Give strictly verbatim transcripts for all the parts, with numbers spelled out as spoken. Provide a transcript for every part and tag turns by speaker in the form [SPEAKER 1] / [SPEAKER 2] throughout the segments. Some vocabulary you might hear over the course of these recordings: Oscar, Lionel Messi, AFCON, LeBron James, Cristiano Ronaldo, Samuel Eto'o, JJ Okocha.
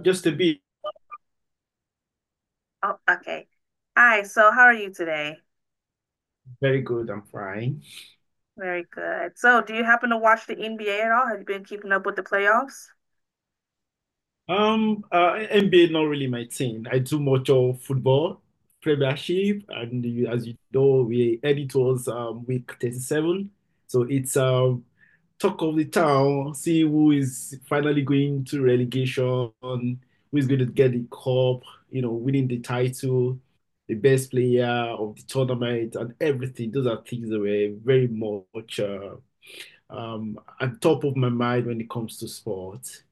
[SPEAKER 1] Just a bit.
[SPEAKER 2] Oh, okay. Hi, so how are you today?
[SPEAKER 1] Very good. I'm fine.
[SPEAKER 2] Very good. So, do you happen to watch the N B A at all? Have you been keeping up with the playoffs?
[SPEAKER 1] Um, uh, N B A not really my thing. I do much of football, premiership, and you- as you know, we editors um week thirty-seven. So it's um talk of the town, see who is finally going to relegation, who is going to get the cup, you know, winning the title, the best player of the tournament, and everything. Those are things that were very much uh, um at top of my mind when it comes to sport.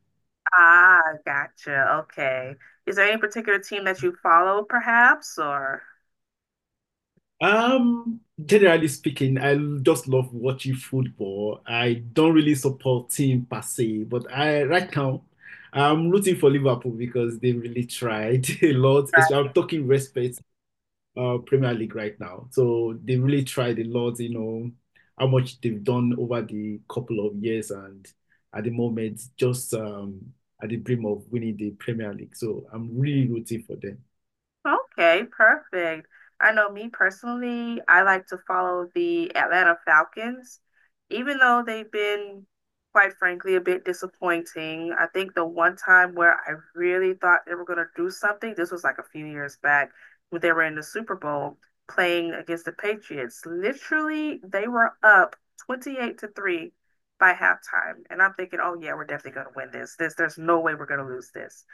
[SPEAKER 2] Ah, gotcha. Okay. Is there any particular team that you follow, perhaps, or?
[SPEAKER 1] Um, generally speaking, I just love watching football. I don't really support team per se, but I right now I'm rooting for Liverpool because they really tried a lot. As- I'm talking respect, uh, Premier League right now. So they really tried a lot, you know, how much they've done over the couple of years and at the moment just um at the brim of winning the Premier League. So I'm really rooting for them.
[SPEAKER 2] Okay, perfect. I know me personally, I like to follow the Atlanta Falcons, even though they've been, quite frankly, a bit disappointing. I think the one time where I really thought they were going to do something, this was like a few years back when they were in the Super Bowl playing against the Patriots. Literally, they were up twenty-eight to three by halftime. And I'm thinking, oh yeah, we're definitely going to win this. This, there's no way we're going to lose this.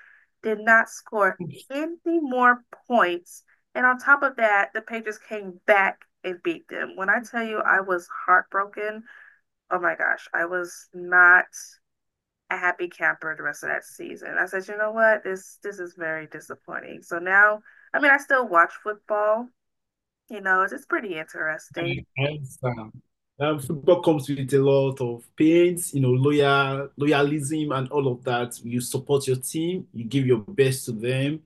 [SPEAKER 2] Did not score any more points. And on top of that, the Patriots came back and beat them. When I tell you I was heartbroken, oh my gosh, I was not a happy camper the rest of that season. I said, you know what, this this is very disappointing. So now, I mean, I still watch football. You know, it's, it's pretty interesting.
[SPEAKER 1] I understand. Um, football comes with a lot of pains, you know, loyal loyalism and all of that. You support your team, you give your best to them,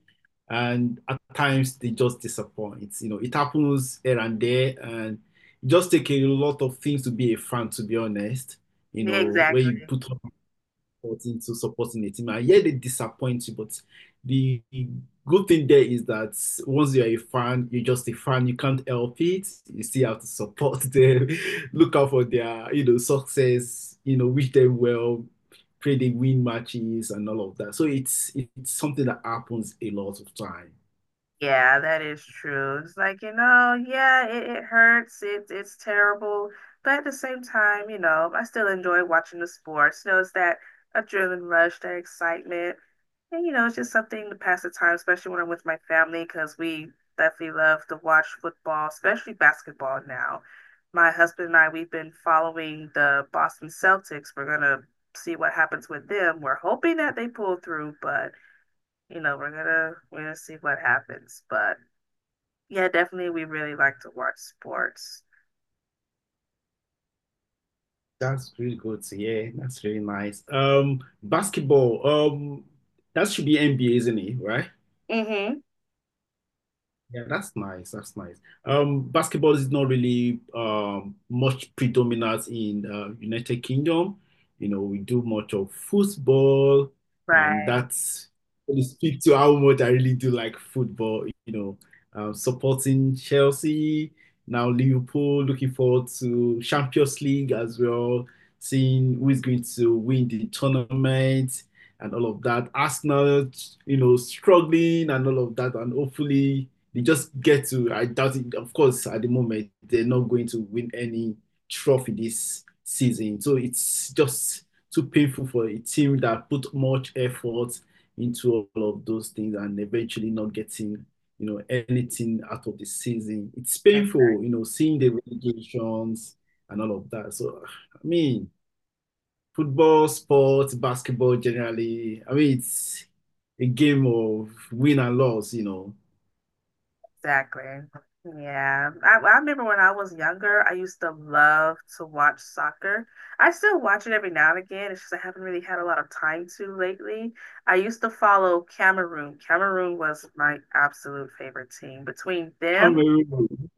[SPEAKER 1] and at times they just disappoint. You know, it happens here and there, and it just take a lot of things to be a fan, to be honest. You
[SPEAKER 2] Yeah,
[SPEAKER 1] know, where
[SPEAKER 2] exactly.
[SPEAKER 1] you put into supporting the team. I hear they disappoint you, but the good thing there is that once you're a fan, you're just a fan. You can't help it. You still have to support them, look out for their, you know, success, you know, wish them well, pray they win matches and all of that. So it's it's something that happens a lot of time.
[SPEAKER 2] Yeah, that is true. It's like, you know, yeah, it, it hurts. It's it's terrible. But at the same time, you know, I still enjoy watching the sports. You know, it's that adrenaline rush, that excitement. And, you know, it's just something to pass the time, especially when I'm with my family, because we definitely love to watch football, especially basketball now. My husband and I, we've been following the Boston Celtics. We're gonna see what happens with them. We're hoping that they pull through, but you know, we're gonna we're gonna see what happens. But yeah, definitely. We really like to watch sports.
[SPEAKER 1] That's really good to hear. That's really nice. Um, basketball. Um, that should be N B A, isn't it? Right?
[SPEAKER 2] Mm-hmm.
[SPEAKER 1] Yeah, that's nice. That's nice. Um, basketball is not really um much predominant in uh, United Kingdom. You know, we do much of football, and
[SPEAKER 2] Right.
[SPEAKER 1] that's really speak to how much I really do like football. You know, um, supporting Chelsea now Liverpool. Looking forward to Champions League as well. Seeing who is going to win the tournament and all of that. Arsenal, you know, struggling and all of that, and hopefully. They just get to, I doubt it. Of course, at the moment, they're not going to win any trophy this season. So it's just too painful for a team that put much effort into all of those things and eventually not getting, you know, anything out of the season. It's painful, you know, seeing the relegations and all of that. So, I mean, football, sports, basketball generally, I mean, it's a game of win and loss, you know.
[SPEAKER 2] Exactly. Yeah. I, I remember when I was younger, I used to love to watch soccer. I still watch it every now and again. It's just I haven't really had a lot of time to lately. I used to follow Cameroon. Cameroon was my absolute favorite team. Between them,
[SPEAKER 1] Cameroon.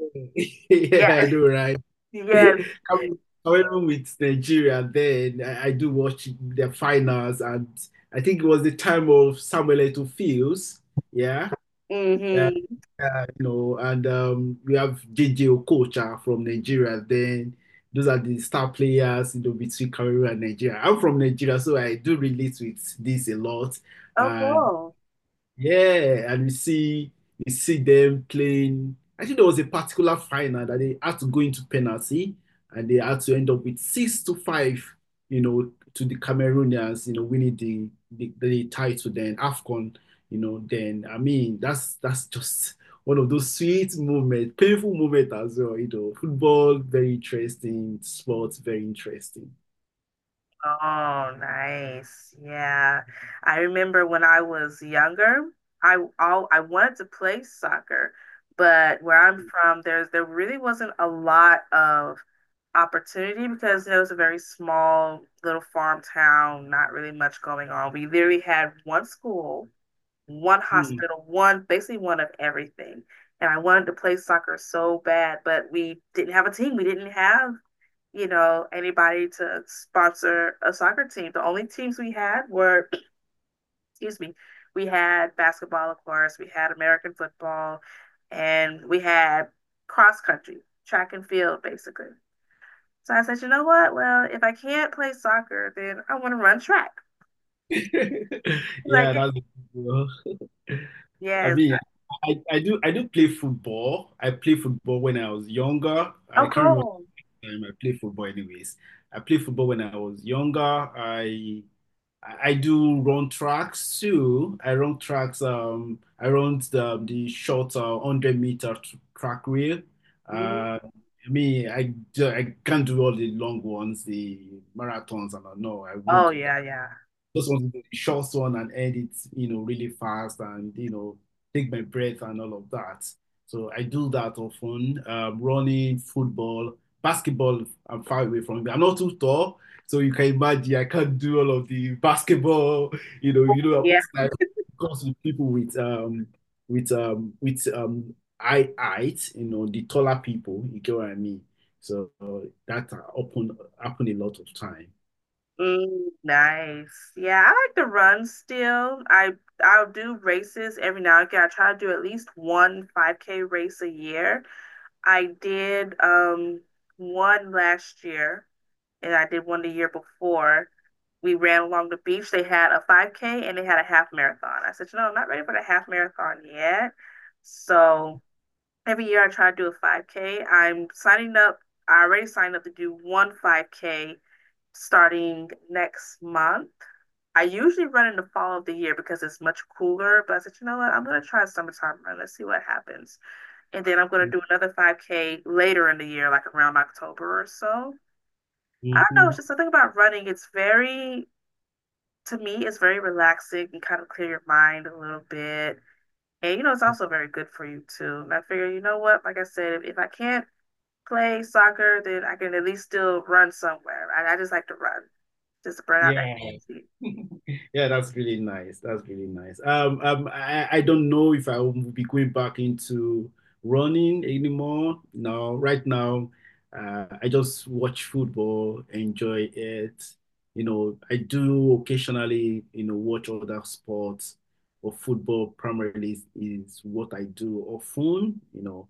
[SPEAKER 1] Yeah,
[SPEAKER 2] yeah,
[SPEAKER 1] I know, right?
[SPEAKER 2] yes.
[SPEAKER 1] Cam- Cameroon with Nigeria then. I, I do watch the finals and I think it was the time of Samuel Eto'o Fields. Yeah. Yeah,
[SPEAKER 2] Mm-hmm.
[SPEAKER 1] uh, you know, and um, we have J J Okocha from Nigeria. Then those are the star players, you know, between Cameroon and Nigeria. I'm from Nigeria, so I do relate with this a lot.
[SPEAKER 2] Oh, cool.
[SPEAKER 1] Yeah, and you see you see them playing. I think there was a particular final that they had to go into penalty and they had to end up with six to five, you know, to the Cameroonians, you know, winning the the, the title then AFCON, you know, then I mean that's that's just one of those sweet moments, painful moments as well, you know. Football, very interesting, sports, very interesting.
[SPEAKER 2] Oh, nice. Yeah. I remember when I was younger, I all I wanted to play soccer, but where I'm from, there's there really wasn't a lot of opportunity because it was a very small little farm town, not really much going on. We literally had one school, one
[SPEAKER 1] Hmm.
[SPEAKER 2] hospital, one basically one of everything. And I wanted to play soccer so bad, but we didn't have a team. We didn't have you know, anybody to sponsor a soccer team. The only teams we had were, excuse me, we had basketball, of course, we had American football, and we had cross country, track and field, basically. So I said, you know what? Well, if I can't play soccer, then I want to run track. Like,
[SPEAKER 1] Yeah, that's I
[SPEAKER 2] yes.
[SPEAKER 1] mean, I, I do I do play football. I played football when I was younger. I
[SPEAKER 2] Oh,
[SPEAKER 1] can't remember
[SPEAKER 2] cool.
[SPEAKER 1] the time I played football anyways. I played football when I was younger. I I do run tracks too. I run tracks. Um, I run the, um, the short uh, one hundred meter tr- track wheel.
[SPEAKER 2] Mhm.
[SPEAKER 1] Uh, I mean, I, ju- I can't do all the long ones, the marathons, and all. No, I won't
[SPEAKER 2] Oh,
[SPEAKER 1] do
[SPEAKER 2] yeah, yeah.
[SPEAKER 1] just want to do the short one and edit, you know, really fast and, you know, take my breath and all of that. So I do that often. Um, running, football, basketball, I'm far away from it. I'm not too tall. So you can imagine I can't do all of the basketball, you know, you know,
[SPEAKER 2] Yeah.
[SPEAKER 1] most times it comes with people with um with um with um eye height, you know, the taller people, you get what I mean? So uh, that happen happen a lot of time.
[SPEAKER 2] Mm, nice. Yeah, I like to run still. I I'll do races every now and again. I try to do at least one five K race a year. I did um one last year and I did one the year before. We ran along the beach. They had a five K and they had a half marathon. I said, you know, I'm not ready for the half marathon yet. So every year I try to do a five K. I'm signing up. I already signed up to do one five K starting next month. I usually run in the fall of the year because it's much cooler, but I said, you know what? I'm going to try a summertime run. Let's see what happens. And then I'm going to do another five K later in the year, like around October or so. I don't know. It's
[SPEAKER 1] Mhm.
[SPEAKER 2] just something about running. It's very, to me, it's very relaxing and kind of clear your mind a little bit. And, you know, it's also very good for you too. And I figure, you know what? Like I said, if, if I can't play soccer, then I can at least still run somewhere. Right? I just like to run, just to burn out that
[SPEAKER 1] Yeah.
[SPEAKER 2] energy.
[SPEAKER 1] Yeah, that's really nice. That's really nice. Um, um, I, I don't know if I will be going back into running anymore. No, right now, uh, I just watch football, enjoy it. You know, I do occasionally, you know, watch other sports, but football primarily is, is what I do often, you know,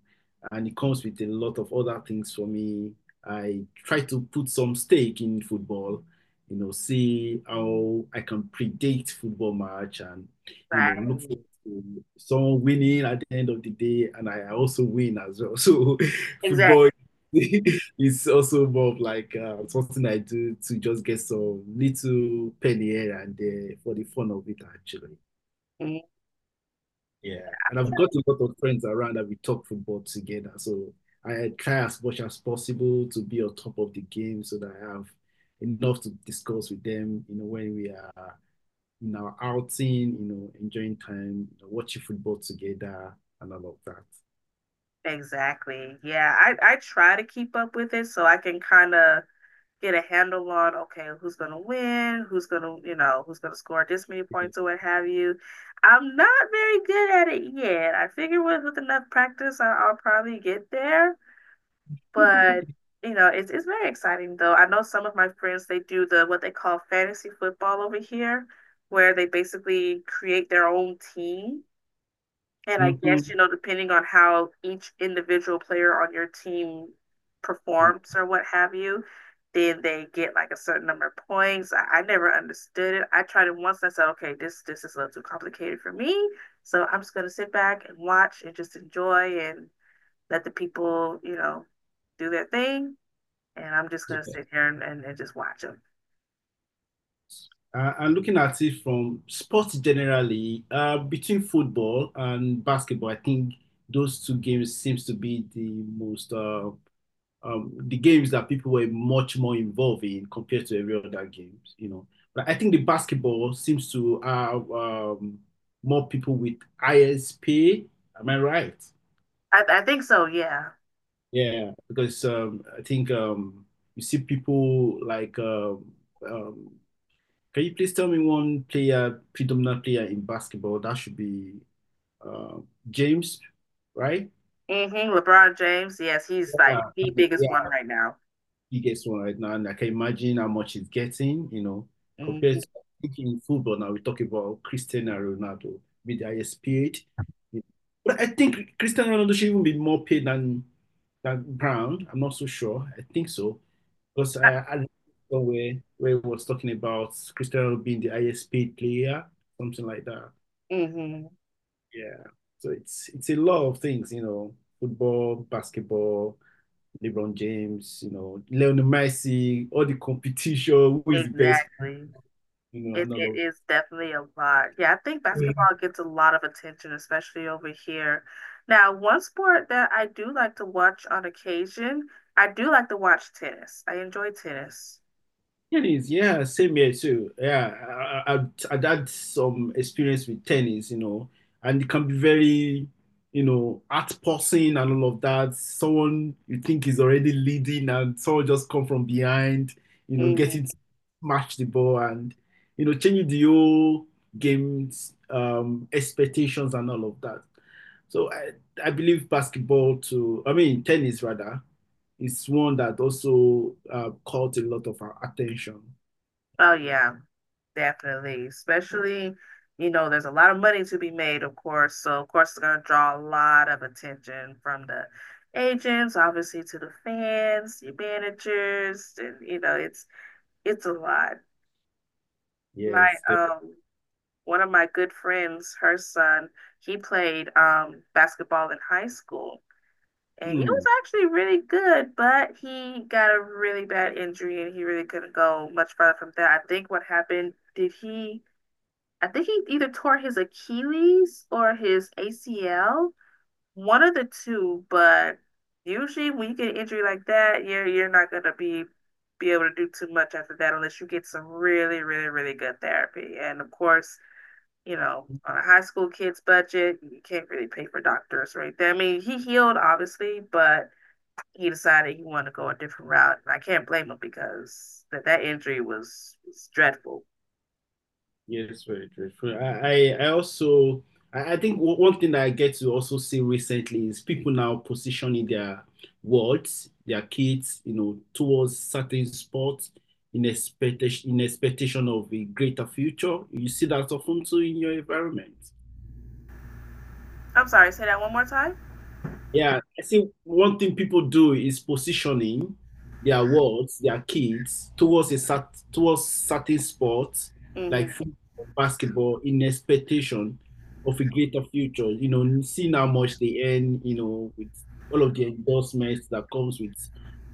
[SPEAKER 1] and it comes with a lot of other things for me. I try to put some stake in football you know, see how I can predict football match and, you
[SPEAKER 2] Right.
[SPEAKER 1] know, look for someone winning at the end of the day. And I also win as well. So football
[SPEAKER 2] Exactly.
[SPEAKER 1] is also more of like uh, something I do to just get some little penny here and there for the fun of it, actually.
[SPEAKER 2] Mhm.
[SPEAKER 1] Yeah, and I've got a lot of friends around that we talk football together. So I try as much as possible to be on top of the game so that I have enough to discuss with them, you know, when we are in our outing, you know, enjoying time, you know, watching football together and all of
[SPEAKER 2] Exactly. Yeah, I I try to keep up with it so I can kind of get a handle on okay, who's gonna win, who's gonna, you know, who's gonna score this many
[SPEAKER 1] that.
[SPEAKER 2] points or what have you. I'm not very good at it yet. I figure with with enough practice, I, I'll probably get there. But you know, it's it's very exciting though. I know some of my friends they do the what they call fantasy football over here, where they basically create their own team. And I guess, you
[SPEAKER 1] Hmm.
[SPEAKER 2] know, depending on how each individual player on your team performs or what have you, then they get like a certain number of points. I, I never understood it. I tried it once and I said, okay, this this is a little too complicated for me. So I'm just gonna sit back and watch and just enjoy and let the people, you know, do their thing and I'm just gonna
[SPEAKER 1] Yeah.
[SPEAKER 2] sit here and, and, and just watch him.
[SPEAKER 1] Uh, and looking at it from sports generally, uh, between football and basketball, I think those two games seems to be the most uh, um, the games that people were much more involved in compared to every other games, you know. But I think the basketball seems to have um, more people with I S P. Am I right?
[SPEAKER 2] I, I think so. Yeah.
[SPEAKER 1] Yeah, because um, I think um, you see people like. Um, um, can you please tell me one player, predominant player in basketball? That should be uh, James, right?
[SPEAKER 2] Mm-hmm. LeBron James. Yes, he's like the biggest one
[SPEAKER 1] Yeah.
[SPEAKER 2] right now.
[SPEAKER 1] Biggest one right now, and I can imagine how much he's getting, you know, compared
[SPEAKER 2] Mm-hmm.
[SPEAKER 1] to thinking in football now, we talk about Cristiano Ronaldo with the highest paid. But I think Cristiano Ronaldo should even be more paid than than Brown. I'm not so sure. I think so. Because I, I read somewhere where it was talking about Cristiano being the highest paid player, something like that.
[SPEAKER 2] Mm-hmm.
[SPEAKER 1] Yeah. So it's it's a lot of things, you know, football, basketball, LeBron James, you know, Lionel Messi, all the competition, who is the best,
[SPEAKER 2] Exactly.
[SPEAKER 1] you know,
[SPEAKER 2] It,
[SPEAKER 1] and
[SPEAKER 2] it
[SPEAKER 1] all
[SPEAKER 2] is definitely a lot. Yeah, I think
[SPEAKER 1] of
[SPEAKER 2] basketball gets a lot of attention, especially over here. Now, one sport that I do like to watch on occasion, I do like to watch tennis. I enjoy tennis.
[SPEAKER 1] Tennis, yeah, same here too. Yeah, I, I, I I'd had some experience with tennis, you know, and it can be very, you know, heart-pulsing and all of that. Someone you think is already leading and someone just come from behind, you know,
[SPEAKER 2] Hmm.
[SPEAKER 1] getting to smash the ball and, you know, changing the whole game's um, expectations and all of that. So I, I believe basketball to, I mean, tennis rather. It's one that also uh, caught a lot of our attention.
[SPEAKER 2] Oh, yeah. Definitely, especially, you know, there's a lot of money to be made, of course. So, of course, it's going to draw a lot of attention from the agents, obviously to the fans, the managers, and you know, it's it's a lot. My
[SPEAKER 1] Yes, definitely.
[SPEAKER 2] um one of my good friends, her son, he played um basketball in high school, and he was
[SPEAKER 1] Hmm.
[SPEAKER 2] actually really good, but he got a really bad injury and he really couldn't go much further from that. I think what happened, did he I think he either tore his Achilles or his A C L, one of the two. But usually, when you get an injury like that, you're you're not gonna be be able to do too much after that unless you get some really, really, really good therapy. And of course, you know, on a high school kid's budget, you can't really pay for doctors right there. I mean, he healed obviously, but he decided he wanted to go a different route, and I can't blame him because that that injury was, was dreadful.
[SPEAKER 1] Yes, very true. True. I, I I also I, I think o- one thing that I get to also see recently is people now positioning their words, their kids, you know, towards certain sports in expectation in expectation of a greater future. You see that often too in your environment.
[SPEAKER 2] I'm sorry, say that one more time.
[SPEAKER 1] Yeah, I think one thing people do is positioning their words, their kids towards a cert towards certain sports like
[SPEAKER 2] Mm-hmm.
[SPEAKER 1] football, basketball in expectation of a greater future. You know, seeing how much they earn, you know, with all of the endorsements that comes with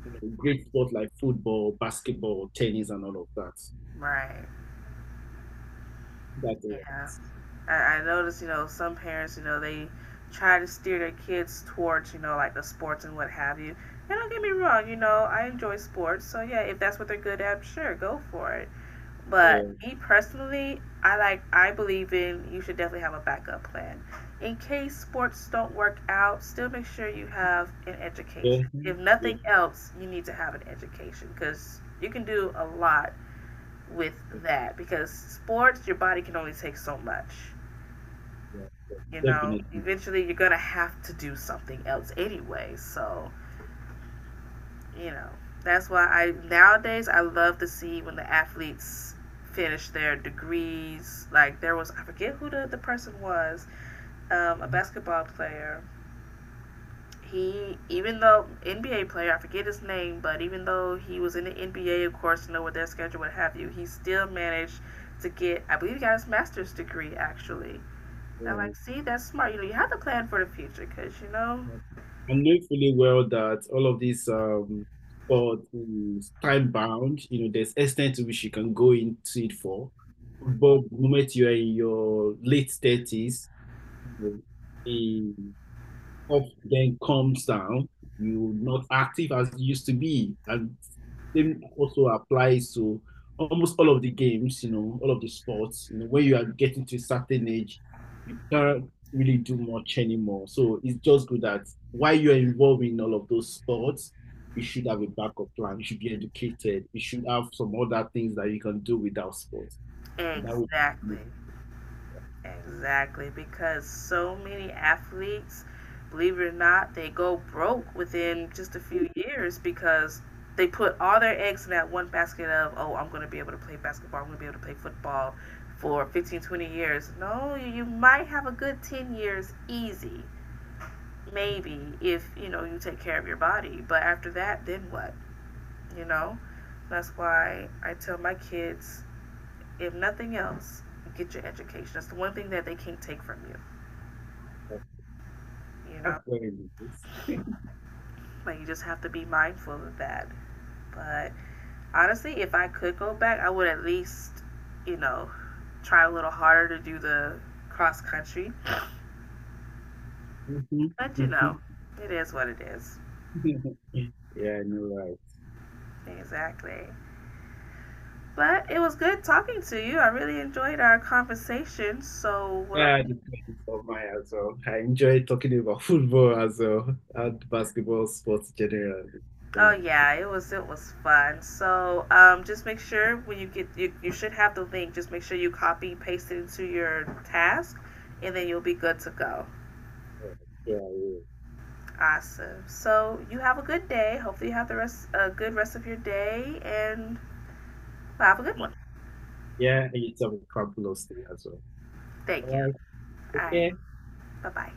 [SPEAKER 1] you know, great sport like football, basketball, tennis, and all of that.
[SPEAKER 2] Right.
[SPEAKER 1] That
[SPEAKER 2] Yeah, I, I notice, you know, some parents, you know, they try to steer their kids towards, you know, like the sports and what have you. And don't get me wrong, you know, I enjoy sports, so yeah, if that's what they're good at, sure, go for it.
[SPEAKER 1] uh,
[SPEAKER 2] But
[SPEAKER 1] uh,
[SPEAKER 2] me personally, I like, I believe in you should definitely have a backup plan. In case sports don't work out, still make sure you have an education.
[SPEAKER 1] yeah,
[SPEAKER 2] If
[SPEAKER 1] yeah,
[SPEAKER 2] nothing else, you need to have an education because you can do a lot with that because sports, your body can only take so much
[SPEAKER 1] yeah,
[SPEAKER 2] you know,
[SPEAKER 1] definitely.
[SPEAKER 2] eventually you're gonna have to do something else anyway. So, you know, that's why I nowadays I love to see when the athletes finish their degrees. Like there was I forget who the, the person was, um, a basketball player. He even though N B A player, I forget his name, but even though he was in the N B A of course, you know with their schedule, what have you, he still managed to get I believe he got his master's degree actually. And I'm
[SPEAKER 1] Yeah.
[SPEAKER 2] like, see, that's smart. You know, you have to plan for the future because you know
[SPEAKER 1] I know fully well that all of these um sport is time bound. You know, there's extent to which you can go into it for. But the moment you are in your late thirties, you know, the up then comes down. You're not active as you used to be, and same also applies to almost all of the games, you know, all of the sports. You know, when you are getting to a certain age, you can't really do much anymore. So it's just good that while you're involved in all of those sports, you should have a backup plan. You should be educated. You should have some other things that you can do without sports. And that would
[SPEAKER 2] exactly,
[SPEAKER 1] be
[SPEAKER 2] exactly. Because so many athletes, believe it or not, they go broke within just a few years because they put all their eggs in that one basket of, oh, I'm going to be able to play basketball, I'm going to be able to play football for fifteen, twenty years. No, you might have a good ten years easy, maybe, if, you know, you take care of your body. But after that, then what? You know? That's why I tell my kids if nothing else, get your education. That's the one thing that they can't take from you, you
[SPEAKER 1] That's
[SPEAKER 2] know?
[SPEAKER 1] very nice.
[SPEAKER 2] Like, you just have to be mindful of that. But honestly, if I could go back, I would at least, you know, try a little harder to do the cross country.
[SPEAKER 1] Mm-hmm,
[SPEAKER 2] But, you know, it is what it is.
[SPEAKER 1] mm-hmm. Yeah, I know, right.
[SPEAKER 2] Exactly. But it was good talking to you. I really enjoyed our conversation. So, what I'm
[SPEAKER 1] Yeah, I discussed it on my as well. I enjoy talking about football as well and basketball sports generally.
[SPEAKER 2] oh
[SPEAKER 1] Thank
[SPEAKER 2] yeah, it was it was fun. So um, just make sure when you get you, you should have the link. Just make sure you copy paste it into your task, and then you'll be good to go.
[SPEAKER 1] you.
[SPEAKER 2] Awesome. So you have a good day. Hopefully you have the rest a good rest of your day, and have a good
[SPEAKER 1] Yeah,
[SPEAKER 2] one.
[SPEAKER 1] yeah, yeah, it's a fabulous thing as well.
[SPEAKER 2] Thank you.
[SPEAKER 1] All right,
[SPEAKER 2] All right.
[SPEAKER 1] okay.
[SPEAKER 2] Bye bye.